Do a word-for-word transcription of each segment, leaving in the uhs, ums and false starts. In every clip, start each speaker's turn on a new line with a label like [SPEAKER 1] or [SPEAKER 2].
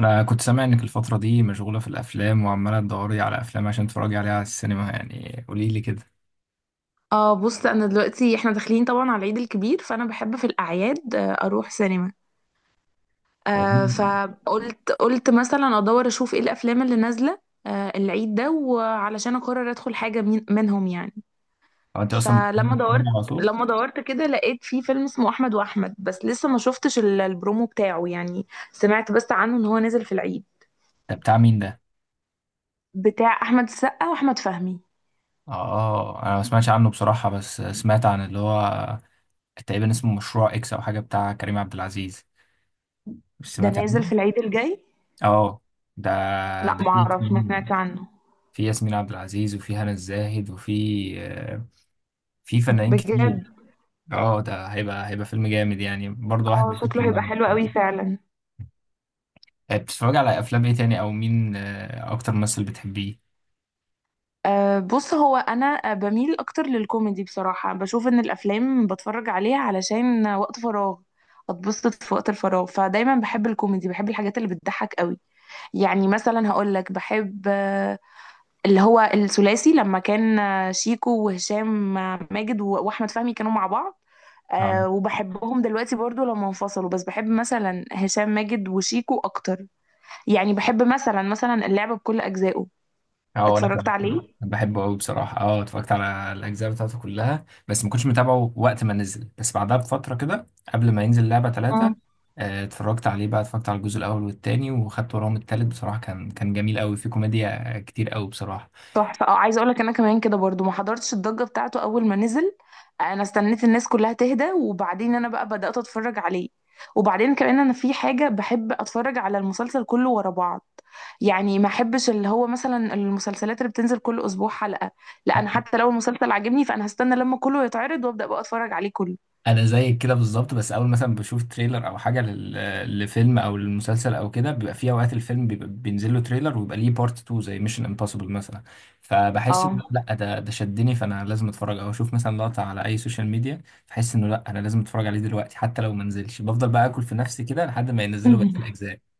[SPEAKER 1] انا كنت سامع انك الفتره دي مشغوله في الافلام وعماله تدوري على افلام عشان تتفرجي عليها على السينما، يعني قولي لي كده.
[SPEAKER 2] اه بص انا دلوقتي احنا داخلين طبعا على العيد الكبير، فانا بحب في الاعياد آه، اروح سينما.
[SPEAKER 1] هو
[SPEAKER 2] آه فقلت قلت مثلا ادور اشوف ايه الافلام اللي نازله آه العيد ده، وعلشان اقرر ادخل حاجه من منهم يعني.
[SPEAKER 1] هو انت اصلا بتحبي
[SPEAKER 2] فلما
[SPEAKER 1] السينما
[SPEAKER 2] دورت
[SPEAKER 1] على طول؟
[SPEAKER 2] لما دورت كده لقيت في فيلم اسمه احمد واحمد، بس لسه ما شفتش ال- البرومو بتاعه، يعني سمعت بس عنه ان هو نازل في العيد،
[SPEAKER 1] ده بتاع مين ده؟
[SPEAKER 2] بتاع احمد السقا واحمد فهمي.
[SPEAKER 1] اه، انا ما سمعتش عنه بصراحه، بس سمعت عن اللي هو تقريبا اسمه مشروع اكس او حاجه بتاع كريم عبد العزيز. مش
[SPEAKER 2] ده
[SPEAKER 1] سمعت عنه؟
[SPEAKER 2] نازل في العيد الجاي.
[SPEAKER 1] اه. ده
[SPEAKER 2] لا
[SPEAKER 1] ده
[SPEAKER 2] ما
[SPEAKER 1] فيه
[SPEAKER 2] اعرفش، ما
[SPEAKER 1] ياسمين-
[SPEAKER 2] سمعتش عنه
[SPEAKER 1] في ياسمين عبد العزيز وفي هنا الزاهد وفي آه، في فنانين كتير.
[SPEAKER 2] بجد.
[SPEAKER 1] اه، ده هيبقى هيبقى فيلم جامد يعني، برضه واحد
[SPEAKER 2] اه
[SPEAKER 1] بيفكر.
[SPEAKER 2] شكله هيبقى حلو قوي فعلا.
[SPEAKER 1] آه، بتتفرجي على افلام ايه تاني؟ او مين آه، اكتر ممثل بتحبيه؟
[SPEAKER 2] أه بص، هو انا آه، بميل اكتر للكوميدي بصراحه، بشوف ان الافلام بتفرج عليها علشان وقت فراغ، اتبسط في وقت الفراغ، فدايما بحب الكوميدي، بحب الحاجات اللي بتضحك قوي. يعني مثلا هقول لك بحب آه، اللي هو الثلاثي لما كان، آه، شيكو وهشام، آه، ماجد و- واحمد فهمي كانوا مع بعض.
[SPEAKER 1] اه
[SPEAKER 2] أه وبحبهم دلوقتي برضو لما انفصلوا، بس بحب مثلا هشام ماجد وشيكو اكتر. يعني بحب مثلا مثلا اللعبة بكل اجزائه،
[SPEAKER 1] اه، انا
[SPEAKER 2] اتفرجت
[SPEAKER 1] كمان كده.
[SPEAKER 2] عليه.
[SPEAKER 1] أنا بحبه قوي بصراحه، اه، اتفرجت على الاجزاء بتاعته كلها، بس ما كنتش متابعه وقت ما نزل، بس بعدها بفتره كده، قبل ما ينزل لعبه
[SPEAKER 2] اه
[SPEAKER 1] ثلاثة اتفرجت عليه بقى. اتفرجت على الجزء الاول والتاني وخدت وراهم التالت، بصراحه كان كان جميل قوي، فيه كوميديا كتير قوي بصراحه.
[SPEAKER 2] تحفة، اه عايزة اقولك انا كمان كده برضو، ما حضرتش الضجة بتاعته اول ما نزل، انا استنيت الناس كلها تهدى وبعدين انا بقى بدأت اتفرج عليه. وبعدين كمان انا في حاجة، بحب اتفرج على المسلسل كله ورا بعض، يعني ما احبش اللي هو مثلا المسلسلات اللي بتنزل كل اسبوع حلقة. لا انا حتى لو المسلسل عجبني فانا هستنى لما كله يتعرض وابدأ بقى اتفرج عليه كله.
[SPEAKER 1] انا زيك كده بالظبط، بس اول مثلا بشوف تريلر او حاجه لل- لفيلم او للمسلسل او كده، بيبقى في اوقات الفيلم بيبقى بينزل له تريلر ويبقى ليه بارت اتنين زي ميشن امبوسيبل مثلا. فبحس
[SPEAKER 2] اه.
[SPEAKER 1] إن لا، ده ده شدني، فانا لازم اتفرج او اشوف مثلا لقطه على اي سوشيال ميديا. بحس انه لا، انا لازم اتفرج عليه دلوقتي، حتى لو ما نزلش بفضل بقى اكل في نفسي كده لحد ما ينزلوا بقيه الاجزاء.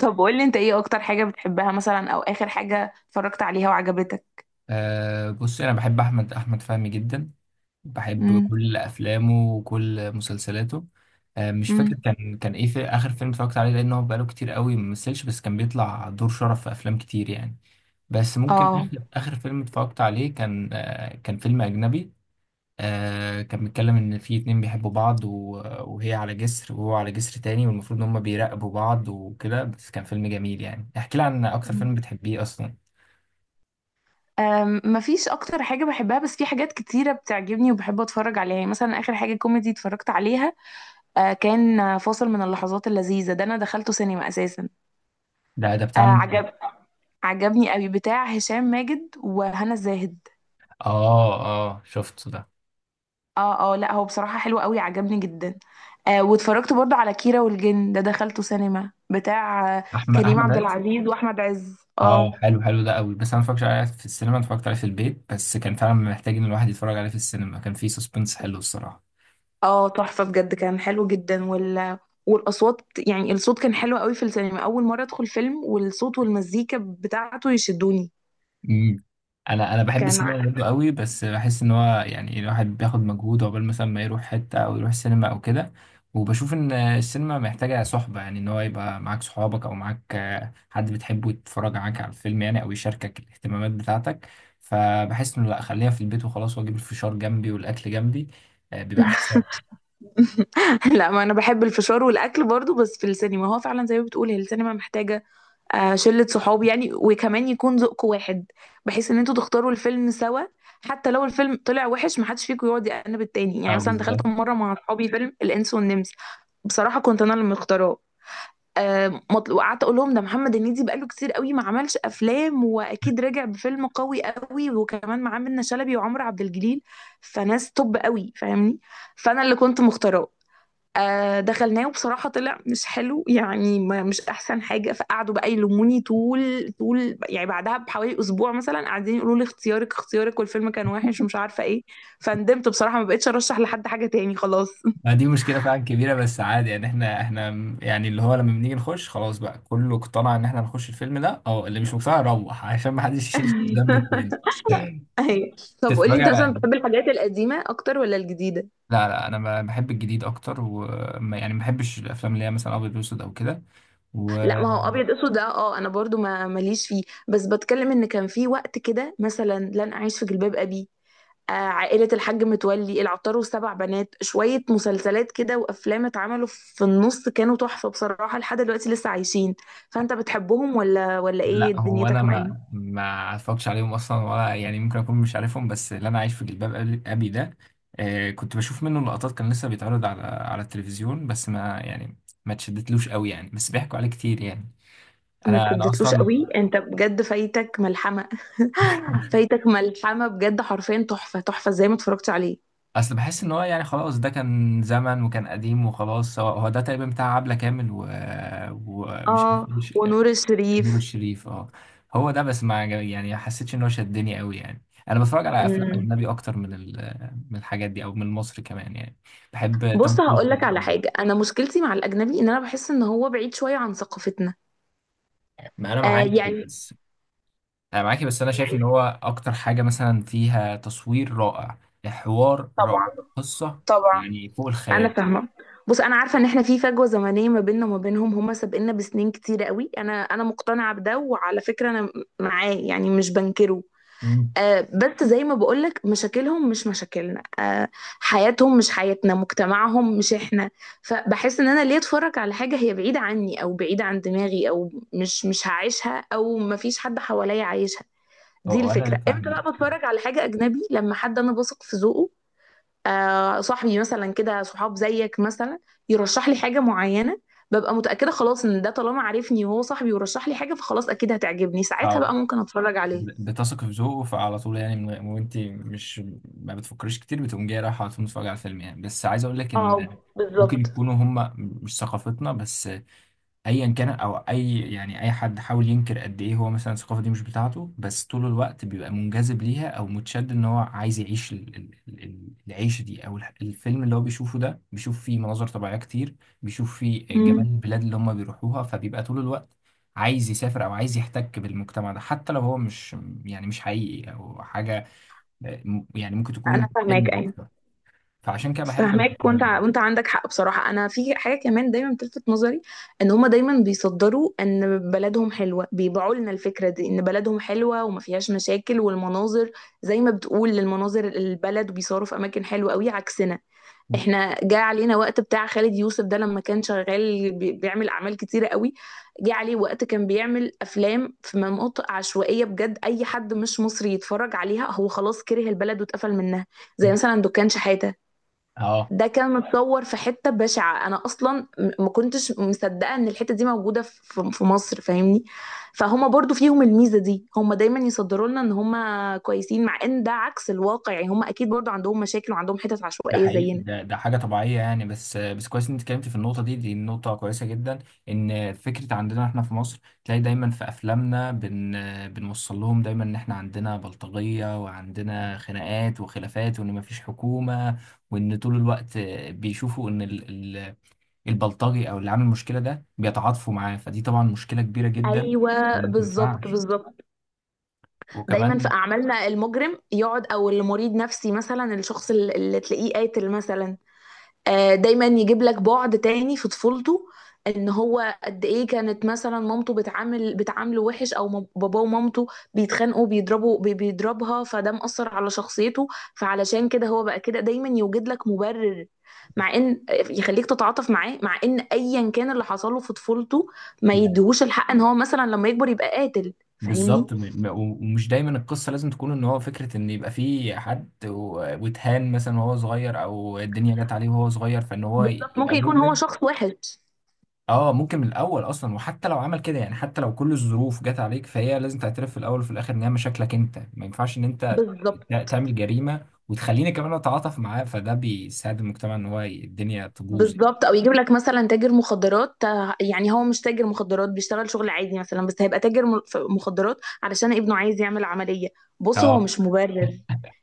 [SPEAKER 2] طب قول لي انت ايه اكتر حاجة بتحبها مثلا، او اخر حاجة اتفرجت عليها وعجبتك.
[SPEAKER 1] أه بص، انا بحب احمد احمد فهمي جدا، بحب كل افلامه وكل مسلسلاته. آه، مش فاكر
[SPEAKER 2] امم.
[SPEAKER 1] كان كان ايه في اخر فيلم اتفرجت عليه، لان هو بقاله كتير قوي ما مثلش، بس كان بيطلع دور شرف في افلام كتير يعني. بس ممكن
[SPEAKER 2] اه.
[SPEAKER 1] اخر آخر فيلم اتفرجت عليه كان آه، كان فيلم اجنبي. آه، كان بيتكلم ان في اتنين بيحبوا بعض و- وهي على جسر وهو على جسر تاني، والمفروض ان هما بيراقبوا بعض وكده، بس كان فيلم جميل. يعني احكي لي عن اكتر
[SPEAKER 2] مم.
[SPEAKER 1] فيلم بتحبيه اصلا؟
[SPEAKER 2] أم، مفيش اكتر حاجه بحبها، بس في حاجات كتيره بتعجبني وبحب اتفرج عليها. يعني مثلا اخر حاجه كوميدي اتفرجت عليها، آه، كان آه، فاصل من اللحظات اللذيذه، ده انا دخلته سينما اساسا.
[SPEAKER 1] ده ده
[SPEAKER 2] آه،
[SPEAKER 1] بتاع مين؟
[SPEAKER 2] عجب عجبني قوي، بتاع هشام ماجد وهنا الزاهد.
[SPEAKER 1] اه اه، شفته ده.
[SPEAKER 2] اه اه، لا هو بصراحه حلو قوي، عجبني جدا. آه، واتفرجت برضو على كيرة والجن، ده دخلته سينما، بتاع آه،
[SPEAKER 1] احمد
[SPEAKER 2] كريم
[SPEAKER 1] احمد
[SPEAKER 2] عبد
[SPEAKER 1] عز
[SPEAKER 2] العزيز واحمد عز.
[SPEAKER 1] اه،
[SPEAKER 2] اه
[SPEAKER 1] حلو حلو ده قوي، بس انا مفكرش عليه في السينما، اتفرجت عليه في البيت، بس كان فعلا محتاج ان الواحد يتفرج عليه في السينما، كان فيه سسبنس حلو الصراحه.
[SPEAKER 2] اه تحفة بجد، كان حلو جدا. وال... والأصوات، يعني الصوت كان حلو قوي في السينما، أول مرة أدخل فيلم والصوت والمزيكا بتاعته يشدوني.
[SPEAKER 1] امم. انا انا بحب
[SPEAKER 2] كان ع-
[SPEAKER 1] السينما برضه قوي، بس بحس ان هو يعني الواحد بياخد مجهود عقبال مثلا ما يروح حته او يروح السينما او كده. وبشوف ان السينما محتاجه صحبه، يعني ان هو يبقى معاك صحابك او معاك آه، حد بتحبه يتفرج معاك على الفيلم يعني، او يشاركك الاهتمامات بتاعتك. فبحس انه لا، خليها في البيت وخلاص، واجيب الفشار جنبي والاكل جنبي، آه، بيبقى احسن.
[SPEAKER 2] لا ما أنا بحب الفشار والأكل برضو، بس في السينما هو فعلا زي ما بتقول، هي السينما محتاجة آه، شلة صحاب يعني، وكمان يكون ذوقك واحد بحيث إن انتوا تختاروا الفيلم سوا. حتى لو الفيلم طلع وحش محدش فيكم يقعد يأنب التاني. يعني
[SPEAKER 1] اه
[SPEAKER 2] مثلا دخلت
[SPEAKER 1] بالظبط.
[SPEAKER 2] مرة مع أصحابي فيلم الإنس والنمس، بصراحة كنت أنا اللي مختاراه، آه، مطل- وقعدت اقول لهم ده محمد هنيدي بقاله كتير قوي ما عملش افلام، واكيد راجع بفيلم قوي قوي، وكمان معاه منة شلبي وعمرو عبد الجليل، فناس توب قوي، فاهمني. فانا اللي كنت مختاراه، آه، دخلناه وبصراحة طلع مش حلو، يعني ما- مش أحسن حاجة، فقعدوا بقى يلوموني طول طول، يعني بعدها بحوالي أسبوع مثلا قاعدين يقولوا لي اختيارك اختيارك، والفيلم كان وحش ومش عارفة إيه. فندمت بصراحة، ما بقتش أرشح لحد حاجة تاني خلاص.
[SPEAKER 1] ما دي مشكلة فعلا كبيرة، بس عادي يعني، احنا احنا م- يعني اللي هو لما بنيجي نخش خلاص بقى كله اقتنع ان احنا نخش الفيلم ده، او اللي مش مقتنع يروح عشان ما حدش يشيل ذنب التاني.
[SPEAKER 2] ايوه. طب قولي
[SPEAKER 1] تتفرج
[SPEAKER 2] انت
[SPEAKER 1] على
[SPEAKER 2] مثلا
[SPEAKER 1] إيه؟
[SPEAKER 2] بتحب الحاجات القديمه اكتر ولا الجديده؟
[SPEAKER 1] لا لا، انا ب- بحب الجديد اكتر، وما يعني ما بحبش الافلام اللي هي مثلا ابيض واسود او كده.
[SPEAKER 2] لا ما هو ابيض اسود ده اه انا برضو ما ماليش فيه، بس بتكلم ان كان في وقت كده، مثلا لن اعيش في جلباب ابي، آه عائله الحاج متولي، العطار والسبع بنات، شويه مسلسلات كده وافلام اتعملوا في النص كانوا تحفه بصراحه، لحد دلوقتي لسه عايشين. فانت بتحبهم ولا ولا ايه
[SPEAKER 1] لا هو انا
[SPEAKER 2] دنيتك معاهم؟
[SPEAKER 1] ما ما اتفرجش عليهم اصلا، ولا يعني ممكن اكون مش عارفهم، بس اللي انا عايش في جلباب ابي أبي ده، آه كنت بشوف منه لقطات، كان لسه بيتعرض على على التلفزيون، بس ما يعني ما اتشدتلوش قوي يعني، بس بيحكوا عليه كتير يعني.
[SPEAKER 2] ما
[SPEAKER 1] انا انا
[SPEAKER 2] تدتلوش
[SPEAKER 1] اصلا
[SPEAKER 2] قوي؟ انت بجد فايتك ملحمه. فايتك ملحمه بجد، حرفيا تحفه تحفه، ازاي ما اتفرجتش عليه؟
[SPEAKER 1] اصل بحس ان هو يعني خلاص ده كان زمن وكان قديم وخلاص، هو هو ده تقريبا بتاع عبلة كامل و... ومش عارف
[SPEAKER 2] اه.
[SPEAKER 1] إيه،
[SPEAKER 2] ونور
[SPEAKER 1] نور
[SPEAKER 2] الشريف.
[SPEAKER 1] الشريف. اه، هو ده، بس ما عجب- يعني ما حسيتش ان هو شدني قوي يعني. انا بتفرج على افلام
[SPEAKER 2] امم.
[SPEAKER 1] اجنبي اكتر من ال- من الحاجات دي او من مصر كمان يعني. بحب توم
[SPEAKER 2] بص
[SPEAKER 1] كروز
[SPEAKER 2] هقول لك على
[SPEAKER 1] جداً.
[SPEAKER 2] حاجه، انا مشكلتي مع الاجنبي ان انا بحس ان هو بعيد شويه عن ثقافتنا.
[SPEAKER 1] ما انا
[SPEAKER 2] آه
[SPEAKER 1] معاكي
[SPEAKER 2] يعني.
[SPEAKER 1] بس. انا معاكي بس، انا شايف ان هو
[SPEAKER 2] يعني.
[SPEAKER 1] اكتر حاجه مثلا فيها تصوير رائع، حوار رائع،
[SPEAKER 2] طبعا.
[SPEAKER 1] قصه،
[SPEAKER 2] طبعا.
[SPEAKER 1] يعني فوق
[SPEAKER 2] انا
[SPEAKER 1] الخيال.
[SPEAKER 2] فاهمه. بص انا عارفه ان احنا في فجوه زمنيه ما بيننا وما بينهم، هم سابقنا بسنين كتير قوي، انا انا مقتنعه بده، وعلى فكره انا معاه يعني، مش بنكره.
[SPEAKER 1] مم.
[SPEAKER 2] آه، بس زي ما بقولك مشاكلهم مش مشاكلنا، آه، حياتهم مش حياتنا، مجتمعهم مش احنا. فبحس ان انا ليه اتفرج على حاجة هي بعيدة عني او بعيدة عن دماغي، او مش مش هعيشها، او مفيش حد حواليا عايشها. دي
[SPEAKER 1] هو
[SPEAKER 2] الفكرة.
[SPEAKER 1] انا
[SPEAKER 2] امتى
[SPEAKER 1] فاهم.
[SPEAKER 2] بقى بتفرج على حاجة اجنبي؟ لما حد انا بثق في ذوقه، آه، صاحبي مثلا كده، صحاب زيك مثلا، يرشح لي حاجة معينة، ببقى متأكدة خلاص ان ده طالما عارفني وهو صاحبي ورشح لي حاجة فخلاص اكيد هتعجبني، ساعتها بقى ممكن اتفرج عليها.
[SPEAKER 1] بتثق في ذوقه، فعلى طول يعني، من غير- وانت مش ما بتفكريش كتير، بتقوم جايه رايحه على طول متفرجه على الفيلم يعني. بس عايز اقول لك ان
[SPEAKER 2] اه
[SPEAKER 1] ممكن
[SPEAKER 2] بالظبط.
[SPEAKER 1] يكونوا هم مش ثقافتنا، بس ايا كان، او اي يعني اي حد حاول ينكر قد ايه هو مثلا الثقافه دي مش بتاعته، بس طول الوقت بيبقى منجذب ليها او متشد، ان هو عايز يعيش ال- ال- ال- العيشه دي، او الح- الفيلم اللي هو بيشوفه ده، بيشوف فيه مناظر طبيعيه كتير، بيشوف فيه جمال
[SPEAKER 2] مم.
[SPEAKER 1] البلاد اللي هم بيروحوها، فبيبقى طول الوقت عايز يسافر او عايز يحتك بالمجتمع ده، حتى لو هو مش يعني مش حقيقي او حاجه، يعني ممكن
[SPEAKER 2] انا
[SPEAKER 1] تكون
[SPEAKER 2] فاهماك
[SPEAKER 1] حلم
[SPEAKER 2] ايوه.
[SPEAKER 1] اكتر. فعشان كده بحب
[SPEAKER 2] فاهماك،
[SPEAKER 1] الافلام
[SPEAKER 2] وانت ع-
[SPEAKER 1] الأجنبية.
[SPEAKER 2] وانت عندك حق بصراحه. انا في حاجه كمان دايما بتلفت نظري، ان هما دايما بيصدروا ان بلدهم حلوه، بيبيعوا لنا الفكره دي ان بلدهم حلوه وما فيهاش مشاكل، والمناظر زي ما بتقول المناظر، البلد وبيصوروا في اماكن حلوه قوي عكسنا. احنا جاء علينا وقت بتاع خالد يوسف ده لما كان شغال بي- بيعمل اعمال كتيره قوي، جه عليه وقت كان بيعمل افلام في مناطق عشوائيه بجد، اي حد مش مصري يتفرج عليها هو خلاص كره البلد واتقفل منها. زي مثلا دكان شحاته،
[SPEAKER 1] اه
[SPEAKER 2] ده كان متصور في حته بشعه، انا اصلا م- ما كنتش مصدقه ان الحته دي موجوده في في- في مصر، فاهمني. فهما برضو فيهم الميزه دي، هما دايما يصدروا لنا ان هما كويسين، مع ان ده عكس الواقع، يعني هما اكيد برضو عندهم مشاكل وعندهم حتت
[SPEAKER 1] ده
[SPEAKER 2] عشوائيه
[SPEAKER 1] حقيقي،
[SPEAKER 2] زينا.
[SPEAKER 1] ده ده حاجة طبيعية يعني، بس بس كويس ان انت اتكلمت في النقطة دي، دي نقطة كويسة جدا. ان فكرة عندنا احنا في مصر تلاقي دايما في افلامنا بن بنوصل لهم دايما ان احنا عندنا بلطجية وعندنا خناقات وخلافات، وان مفيش حكومة، وان طول الوقت بيشوفوا ان ال- ال- البلطجي او اللي عامل المشكلة ده بيتعاطفوا معاه، فدي طبعا مشكلة كبيرة جدا
[SPEAKER 2] ايوه
[SPEAKER 1] وما
[SPEAKER 2] بالظبط
[SPEAKER 1] تنفعش.
[SPEAKER 2] بالظبط. دايما في
[SPEAKER 1] وكمان
[SPEAKER 2] اعمالنا المجرم يقعد، او المريض نفسي مثلا، الشخص اللي اللي تلاقيه قاتل مثلا، آه، دايما يجيب لك بعد تاني في طفولته، ان هو قد ايه كانت مثلا مامته بتعامل بتعامله وحش، او مام- باباه ومامته بيتخانقوا، بيضربوا بي- بيضربها، فده مأثر على شخصيته. فعلشان كده هو بقى كده دايما يوجد لك مبرر، مع ان يخليك تتعاطف معاه، مع ان ايا كان اللي حصله في طفولته ما يديهوش الحق ان هو مثلا لما يكبر يبقى قاتل، فاهمني.
[SPEAKER 1] بالظبط. م- م- ومش دايما القصه لازم تكون ان هو فكره ان يبقى في حد و- واتهان مثلا وهو صغير، او الدنيا جت عليه وهو صغير، فان هو
[SPEAKER 2] بالظبط.
[SPEAKER 1] يبقى
[SPEAKER 2] ممكن يكون هو
[SPEAKER 1] مجرم.
[SPEAKER 2] شخص وحش.
[SPEAKER 1] اه ممكن من الاول اصلا، وحتى لو عمل كده يعني، حتى لو كل الظروف جت عليك، فهي لازم تعترف في الاول وفي الاخر ان هي مشاكلك انت، ما ينفعش ان انت
[SPEAKER 2] بالظبط
[SPEAKER 1] ت- تعمل جريمه وتخليني كمان اتعاطف معاه، فده بيساعد المجتمع ان هو ي- الدنيا تبوظ يعني.
[SPEAKER 2] بالظبط. او يجيب لك مثلا تاجر مخدرات، آه، يعني هو مش تاجر مخدرات، بيشتغل شغل عادي مثلا، بس هيبقى تاجر م- ف- مخدرات علشان ابنه عايز يعمل عملية. بص هو
[SPEAKER 1] اه.
[SPEAKER 2] مش مبرر،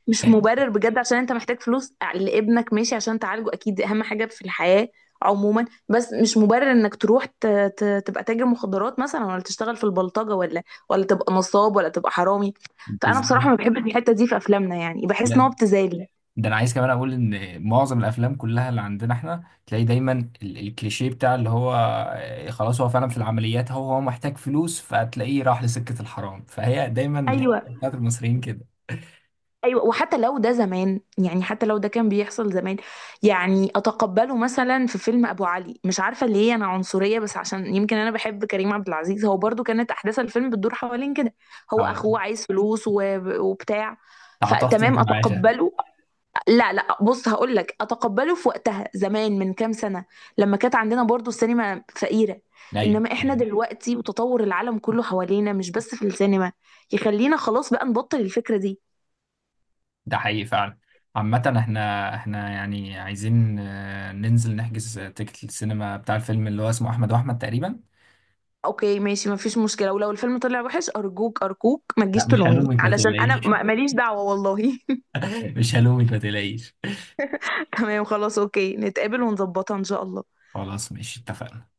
[SPEAKER 2] مش مبرر بجد. عشان انت محتاج فلوس لابنك ماشي، عشان تعالجه، اكيد دي اهم حاجة في الحياة عموما، بس مش مبرر انك تروح ت... ت... تبقى تاجر مخدرات مثلا، ولا تشتغل في البلطجة، ولا ولا تبقى نصاب، ولا تبقى حرامي. فانا بصراحة
[SPEAKER 1] بالظبط.
[SPEAKER 2] ما بحبش الحتة دي في افلامنا، يعني بحس ان هو
[SPEAKER 1] لا،
[SPEAKER 2] ابتذال.
[SPEAKER 1] ده انا عايز كمان اقول ان معظم الافلام كلها اللي عندنا احنا تلاقي دايما ال- الكليشيه بتاع اللي هو آه، خلاص، هو فعلا في العمليات هو هو محتاج فلوس، فتلاقيه راح لسكة الحرام، فهي دايما الحكايه
[SPEAKER 2] ايوه
[SPEAKER 1] بتاعت المصريين كده.
[SPEAKER 2] ايوه. وحتى لو ده زمان، يعني حتى لو ده كان بيحصل زمان، يعني اتقبله مثلا في فيلم ابو علي، مش عارفه ليه انا عنصريه، بس عشان يمكن انا بحب كريم عبد العزيز. هو برضو كانت احداث الفيلم بتدور حوالين كده، هو
[SPEAKER 1] اه،
[SPEAKER 2] اخوه عايز فلوس و- وبتاع،
[SPEAKER 1] تعاطفت انت
[SPEAKER 2] فتمام
[SPEAKER 1] معايا شهد.
[SPEAKER 2] اتقبله. لا لا بص هقول لك، اتقبله في وقتها زمان من كام سنه، لما كانت عندنا برضو السينما فقيره،
[SPEAKER 1] ايوه
[SPEAKER 2] انما احنا
[SPEAKER 1] أيوة.
[SPEAKER 2] دلوقتي وتطور العالم كله حوالينا مش بس في السينما، يخلينا خلاص بقى نبطل الفكره دي.
[SPEAKER 1] ده حقيقي فعلا. عامة احنا احنا يعني عايزين آه، ننزل نحجز آه، تيكت السينما بتاع الفيلم اللي هو اسمه احمد واحمد تقريبا.
[SPEAKER 2] اوكي ماشي مفيش مشكله، ولو الفيلم طلع وحش ارجوك ارجوك ما تجيش
[SPEAKER 1] لا مش
[SPEAKER 2] تلومني،
[SPEAKER 1] هلومك ما
[SPEAKER 2] علشان انا
[SPEAKER 1] تقلقيش.
[SPEAKER 2] ما- ماليش دعوه والله.
[SPEAKER 1] مش هلومك ما تقلقيش.
[SPEAKER 2] تمام خلاص اوكي، نتقابل ونظبطها ان شاء الله.
[SPEAKER 1] خلاص ماشي اتفقنا.